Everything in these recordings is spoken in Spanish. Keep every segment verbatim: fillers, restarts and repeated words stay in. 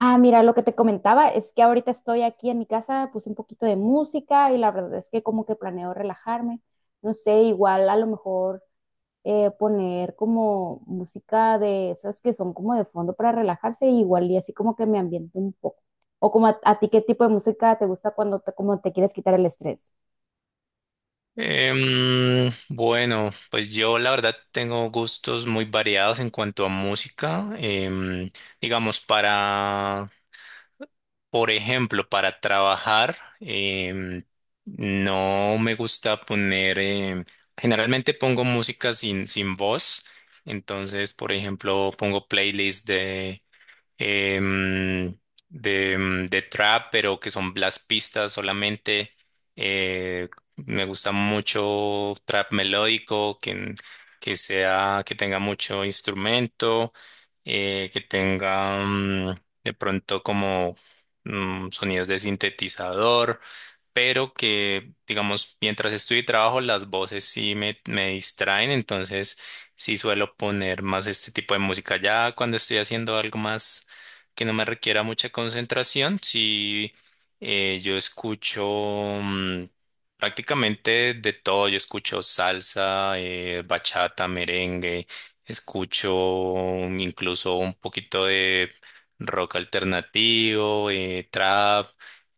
Ah, mira, lo que te comentaba es que ahorita estoy aquí en mi casa, puse un poquito de música y la verdad es que como que planeo relajarme. No sé, igual a lo mejor eh, poner como música de esas que son como de fondo para relajarse, igual y así como que me ambiente un poco. O como a, a ti, ¿qué tipo de música te gusta cuando te, como te quieres quitar el estrés? Em, bueno, pues yo la verdad tengo gustos muy variados en cuanto a música. Em, digamos, para, por ejemplo, para trabajar, em, no me gusta poner, em, generalmente pongo música sin, sin voz. Entonces, por ejemplo, pongo playlists em, de, em, de trap, pero que son las pistas solamente. Eh, Me gusta mucho trap melódico, que, que sea, que tenga mucho instrumento, eh, que tenga mm, de pronto como mm, sonidos de sintetizador, pero que, digamos, mientras estoy y trabajo, las voces sí me, me distraen, entonces sí suelo poner más este tipo de música. Ya cuando estoy haciendo algo más que no me requiera mucha concentración. Si eh, yo escucho mm, prácticamente de todo, yo escucho salsa, eh, bachata, merengue, escucho mm, incluso un poquito de rock alternativo, eh, trap.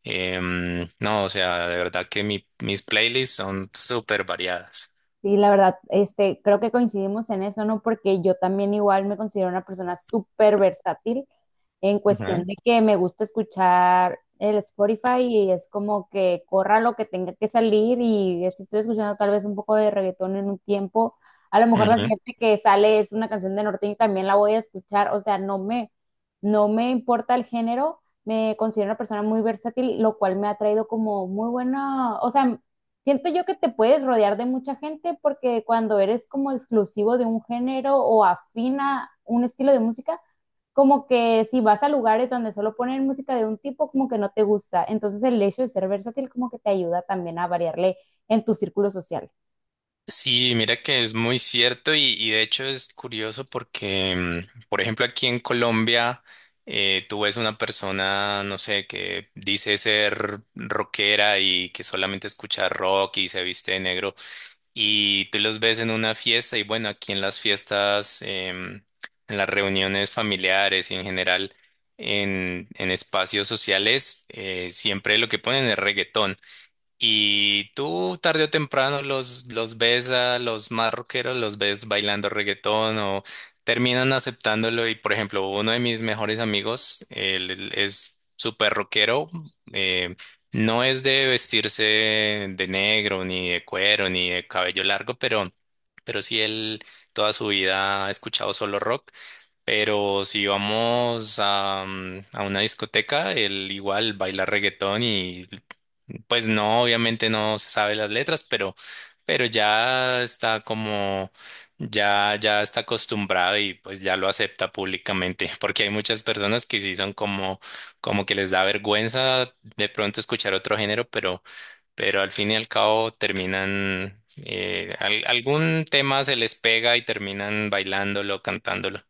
Em, no, O sea, de verdad que mi- mis playlists son súper variadas. Sí, la verdad, este, creo que coincidimos en eso, ¿no? Porque yo también igual me considero una persona súper versátil en Ujú. cuestión de que me gusta escuchar el Spotify y es como que corra lo que tenga que salir y si estoy escuchando tal vez un poco de reggaetón en un tiempo, a lo mejor la Ujú. siguiente que sale es una canción de norteño y también la voy a escuchar, o sea, no me, no me importa el género, me considero una persona muy versátil, lo cual me ha traído como muy buena, o sea, siento yo que te puedes rodear de mucha gente porque cuando eres como exclusivo de un género o afina un estilo de música, como que si vas a lugares donde solo ponen música de un tipo, como que no te gusta. Entonces el hecho de ser versátil como que te ayuda también a variarle en tu círculo social. Sí, mira que es muy cierto y, y de hecho es curioso porque, mm, por ejemplo, aquí en Colombia, eh, tú ves una persona, no sé, que dice ser rockera y que solamente escucha rock y se viste de negro y tú los ves en una fiesta y bueno, aquí en las fiestas, em, en las reuniones familiares y en general en, en espacios sociales, eh, siempre lo que ponen es reggaetón. Y tú tarde o temprano los, los ves a los más rockeros, los ves bailando reggaetón o terminan aceptándolo. Y por ejemplo, uno de mis mejores amigos, él él es súper rockero, eh, no es de vestirse de negro, ni de cuero, ni de cabello largo, pero, pero sí él toda su vida ha escuchado solo rock. Pero si vamos a, mm, a una discoteca, él igual baila reggaetón y pues no, obviamente no se sabe las letras, pero, pero ya está como, ya, ya está acostumbrado y pues ya lo acepta públicamente, porque hay muchas personas que sí son como, como que les da vergüenza de pronto escuchar otro género, pero, pero al fin y al cabo terminan, eh, al- algún tema se les pega y terminan bailándolo, cantándolo.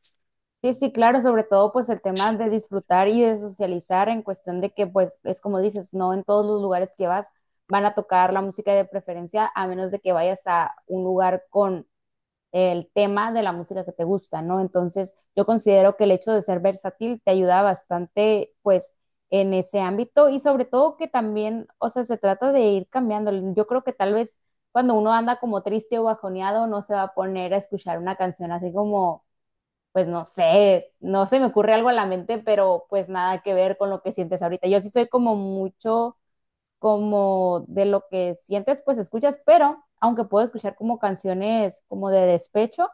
Sí, sí, claro, sobre todo pues el tema de disfrutar y de socializar en cuestión de que pues es como dices, no en todos los lugares que vas van a tocar la música de preferencia a menos de que vayas a un lugar con el tema de la música que te gusta, ¿no? Entonces, yo considero que el hecho de ser versátil te ayuda bastante, pues, en ese ámbito y sobre todo que también, o sea, se trata de ir cambiando. Yo creo que tal vez cuando uno anda como triste o bajoneado, no se va a poner a escuchar una canción así como, pues, no sé, no se me ocurre algo a la mente, pero pues nada que ver con lo que sientes ahorita. Yo sí soy como mucho como de lo que sientes, pues escuchas, pero aunque puedo escuchar como canciones como de despecho,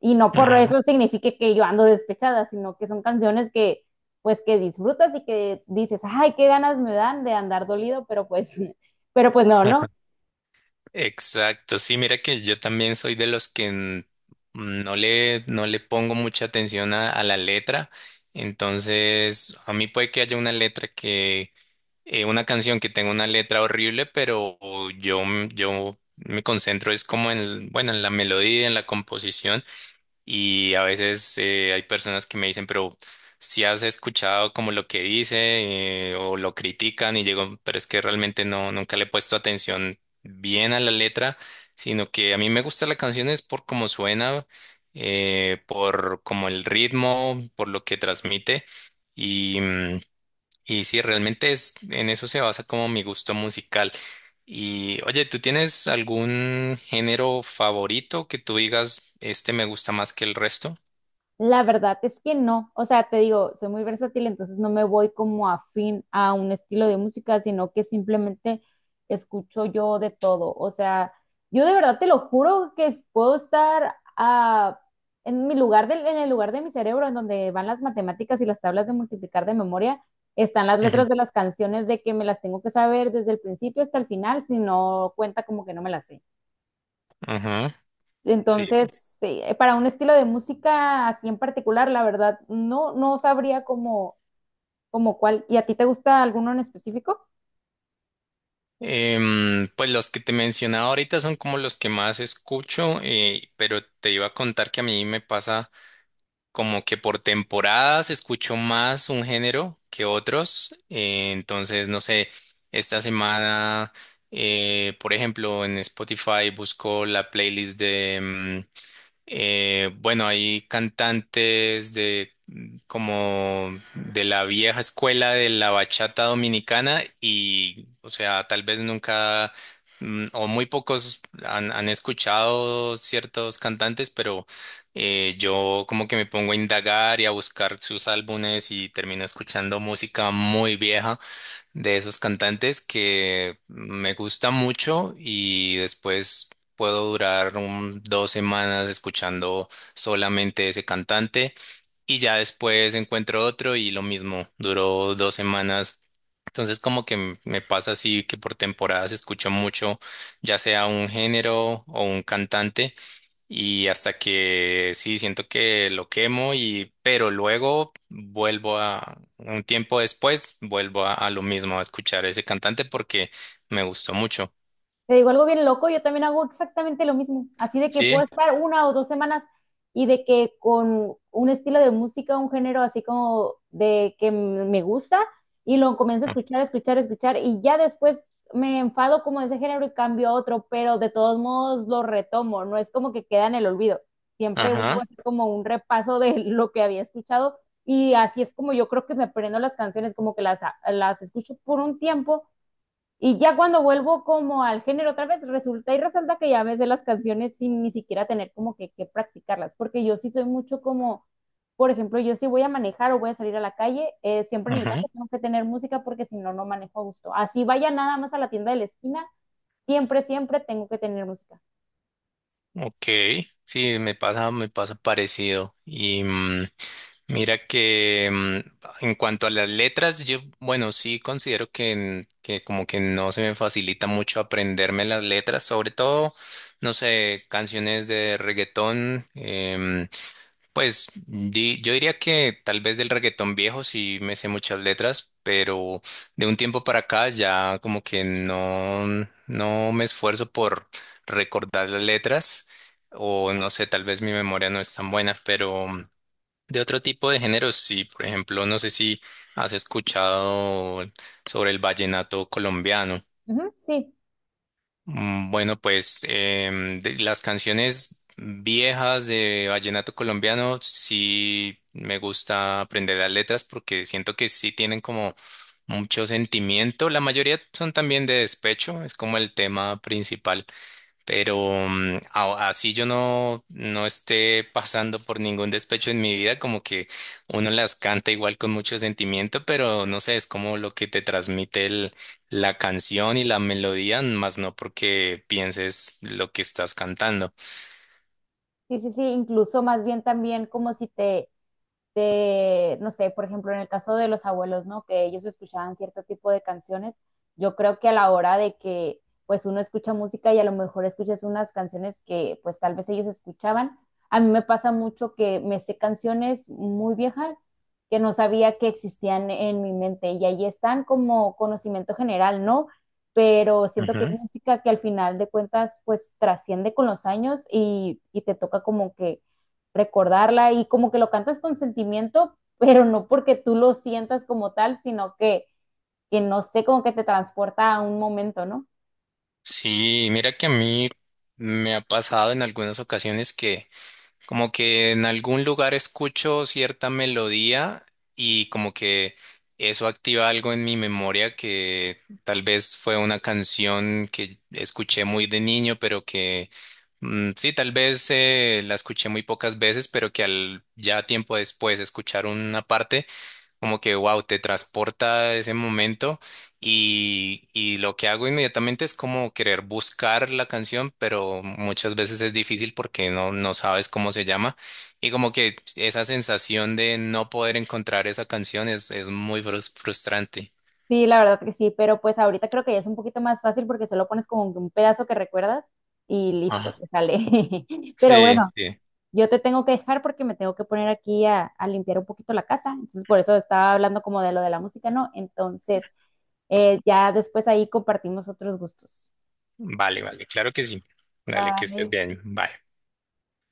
y no por Ujú. eso signifique que yo ando despechada, sino que son canciones que pues que disfrutas y que dices, ay, qué ganas me dan de andar dolido, pero pues, pero pues no, no, Exacto, sí, mira que yo también soy de los que n- no le, no le pongo mucha atención a, a la letra, entonces a mí puede que haya una letra que, eh, una canción que tenga una letra horrible, pero yo, m- yo me concentro es como en, el- bueno, en la melodía, en la composición. Y a veces eh, hay personas que me dicen, pero si has escuchado como lo que dice eh, o lo critican y llego, pero es que realmente no, nunca le he puesto atención bien a la letra, sino que a mí me gusta la canción es por cómo suena, eh, por como el ritmo, por lo que transmite. y mm, y sí, realmente es, en eso se basa como mi gusto musical. Y oye, ¿tú tienes algún género favorito que tú digas, este me gusta más que el resto? la verdad es que no, o sea, te digo, soy muy versátil, entonces no me voy como afín a un estilo de música, sino que simplemente escucho yo de todo, o sea, yo de verdad te lo juro que es- puedo estar ah, en mi lugar del, en el lugar de mi cerebro en donde van las matemáticas y las tablas de multiplicar de memoria, están las letras Ujú. de las canciones de que me las tengo que saber desde el principio hasta el final, si no cuenta como que no me las sé. Ajá, sí. Entonces, sí, eh, para un estilo de música así en particular, la verdad, no, no sabría cómo, cómo cuál. ¿Y a ti te gusta alguno en específico? Em, pues los que te mencionaba ahorita son como los que más escucho, eh, pero te iba a contar que a mí me pasa como que por temporadas escucho más un género que otros. Eh, entonces, no sé, esta semana, eh, por ejemplo, en Spotify busco la playlist de, mm, eh, Bueno, hay cantantes de como de la vieja escuela de la bachata dominicana y, o sea, tal vez nunca mm, o muy pocos han, han escuchado ciertos cantantes, pero eh, yo como que me pongo a indagar y a buscar sus álbumes y termino escuchando música muy vieja de esos cantantes que me gusta mucho y después puedo durar un- dos semanas escuchando solamente ese cantante y ya después encuentro otro y lo mismo, duró dos semanas. Entonces como que m- me pasa así que por temporadas escucho mucho, ya sea un género o un cantante. Y hasta que sí, siento que lo quemo y, pero luego vuelvo a, un tiempo después, vuelvo a, a lo mismo, a escuchar a ese cantante porque me gustó mucho. Te digo algo bien loco, yo también hago exactamente lo mismo, así de que puedo Sí. estar una o dos semanas y de que con un estilo de música, un género así como de que m- me gusta y lo comienzo a Ah. escuchar, escuchar, escuchar y ya después me enfado como de ese género y cambio a otro, pero de todos modos lo retomo, no es como que queda en el olvido, siempre vuelvo a Ajá, hacer como un repaso de lo que había escuchado y así es como yo creo que me aprendo las canciones, como que las, las escucho por un tiempo y ya cuando vuelvo como al género otra vez, resulta y resalta que ya me sé las canciones sin ni siquiera tener como que, que practicarlas, porque yo sí soy mucho como, por ejemplo, yo si voy a manejar o voy a salir a la calle, eh, siempre en el ajá. carro tengo que tener música porque si no, no manejo a gusto. Así vaya nada más a la tienda de la esquina, siempre, siempre tengo que tener música. Ok. Sí, me pasa, me pasa parecido. Y mm, Mira que mm, en cuanto a las letras, yo, bueno, sí considero que, n- que como que no se me facilita mucho aprenderme las letras, sobre todo, no sé, canciones de reggaetón, em, pues di- yo diría que tal vez del reggaetón viejo sí me sé muchas letras, pero de un tiempo para acá ya como que no, no me esfuerzo por recordar las letras, o no sé, tal vez mi memoria no es tan buena, pero... De otro tipo de géneros, sí, por ejemplo, no sé si has escuchado sobre el vallenato colombiano. Ujú, sí, Mm, Bueno, pues em, de las canciones viejas de vallenato colombiano sí me gusta aprender las letras porque siento que sí tienen como mucho sentimiento. La mayoría son también de despecho, es como el tema principal. Pero mm, a- así yo no, no esté pasando por ningún despecho en mi vida, como que uno las canta igual con mucho sentimiento, pero no sé, es como lo que te transmite el- la canción y la melodía, más no porque pienses lo que estás cantando. sí, sí, sí, incluso más bien también como si te de, no sé, por ejemplo, en el caso de los abuelos, ¿no? Que ellos escuchaban cierto tipo de canciones, yo creo que a la hora de que pues uno escucha música y a lo mejor escuchas unas canciones que pues tal vez ellos escuchaban. A mí me pasa mucho que me sé canciones muy viejas que no sabía que existían en mi mente y ahí están como conocimiento general, ¿no? Pero siento que es Ujú. música que al final de cuentas pues trasciende con los años y, y te toca como que recordarla y como que lo cantas con sentimiento, pero no porque tú lo sientas como tal, sino que, que no sé, como que te transporta a un momento, ¿no? Sí, mira que a mí me ha pasado en algunas ocasiones que como que en algún lugar escucho cierta melodía y como que eso activa algo en mi memoria que tal vez fue una canción que escuché muy de niño, pero que mm, sí, tal vez eh, la escuché muy pocas veces, pero que al ya tiempo después escuchar una parte como que, wow, te transporta a ese momento y, y lo que hago inmediatamente es como querer buscar la canción, pero muchas veces es difícil porque no, no sabes cómo se llama y como que esa sensación de no poder encontrar esa canción es, es muy frus- frustrante. Sí, la verdad que sí, pero pues ahorita creo que ya es un poquito más fácil porque se lo pones como que un pedazo que recuerdas y listo, Ajá. te sale. Pero Sí, bueno, sí. yo te tengo que dejar porque me tengo que poner aquí a, a limpiar un poquito la casa, entonces por eso estaba hablando como de lo de la música, ¿no? Entonces, eh, ya después ahí compartimos otros gustos. Vale, vale, claro que sí. Dale, que estés Bye. bien. Bye.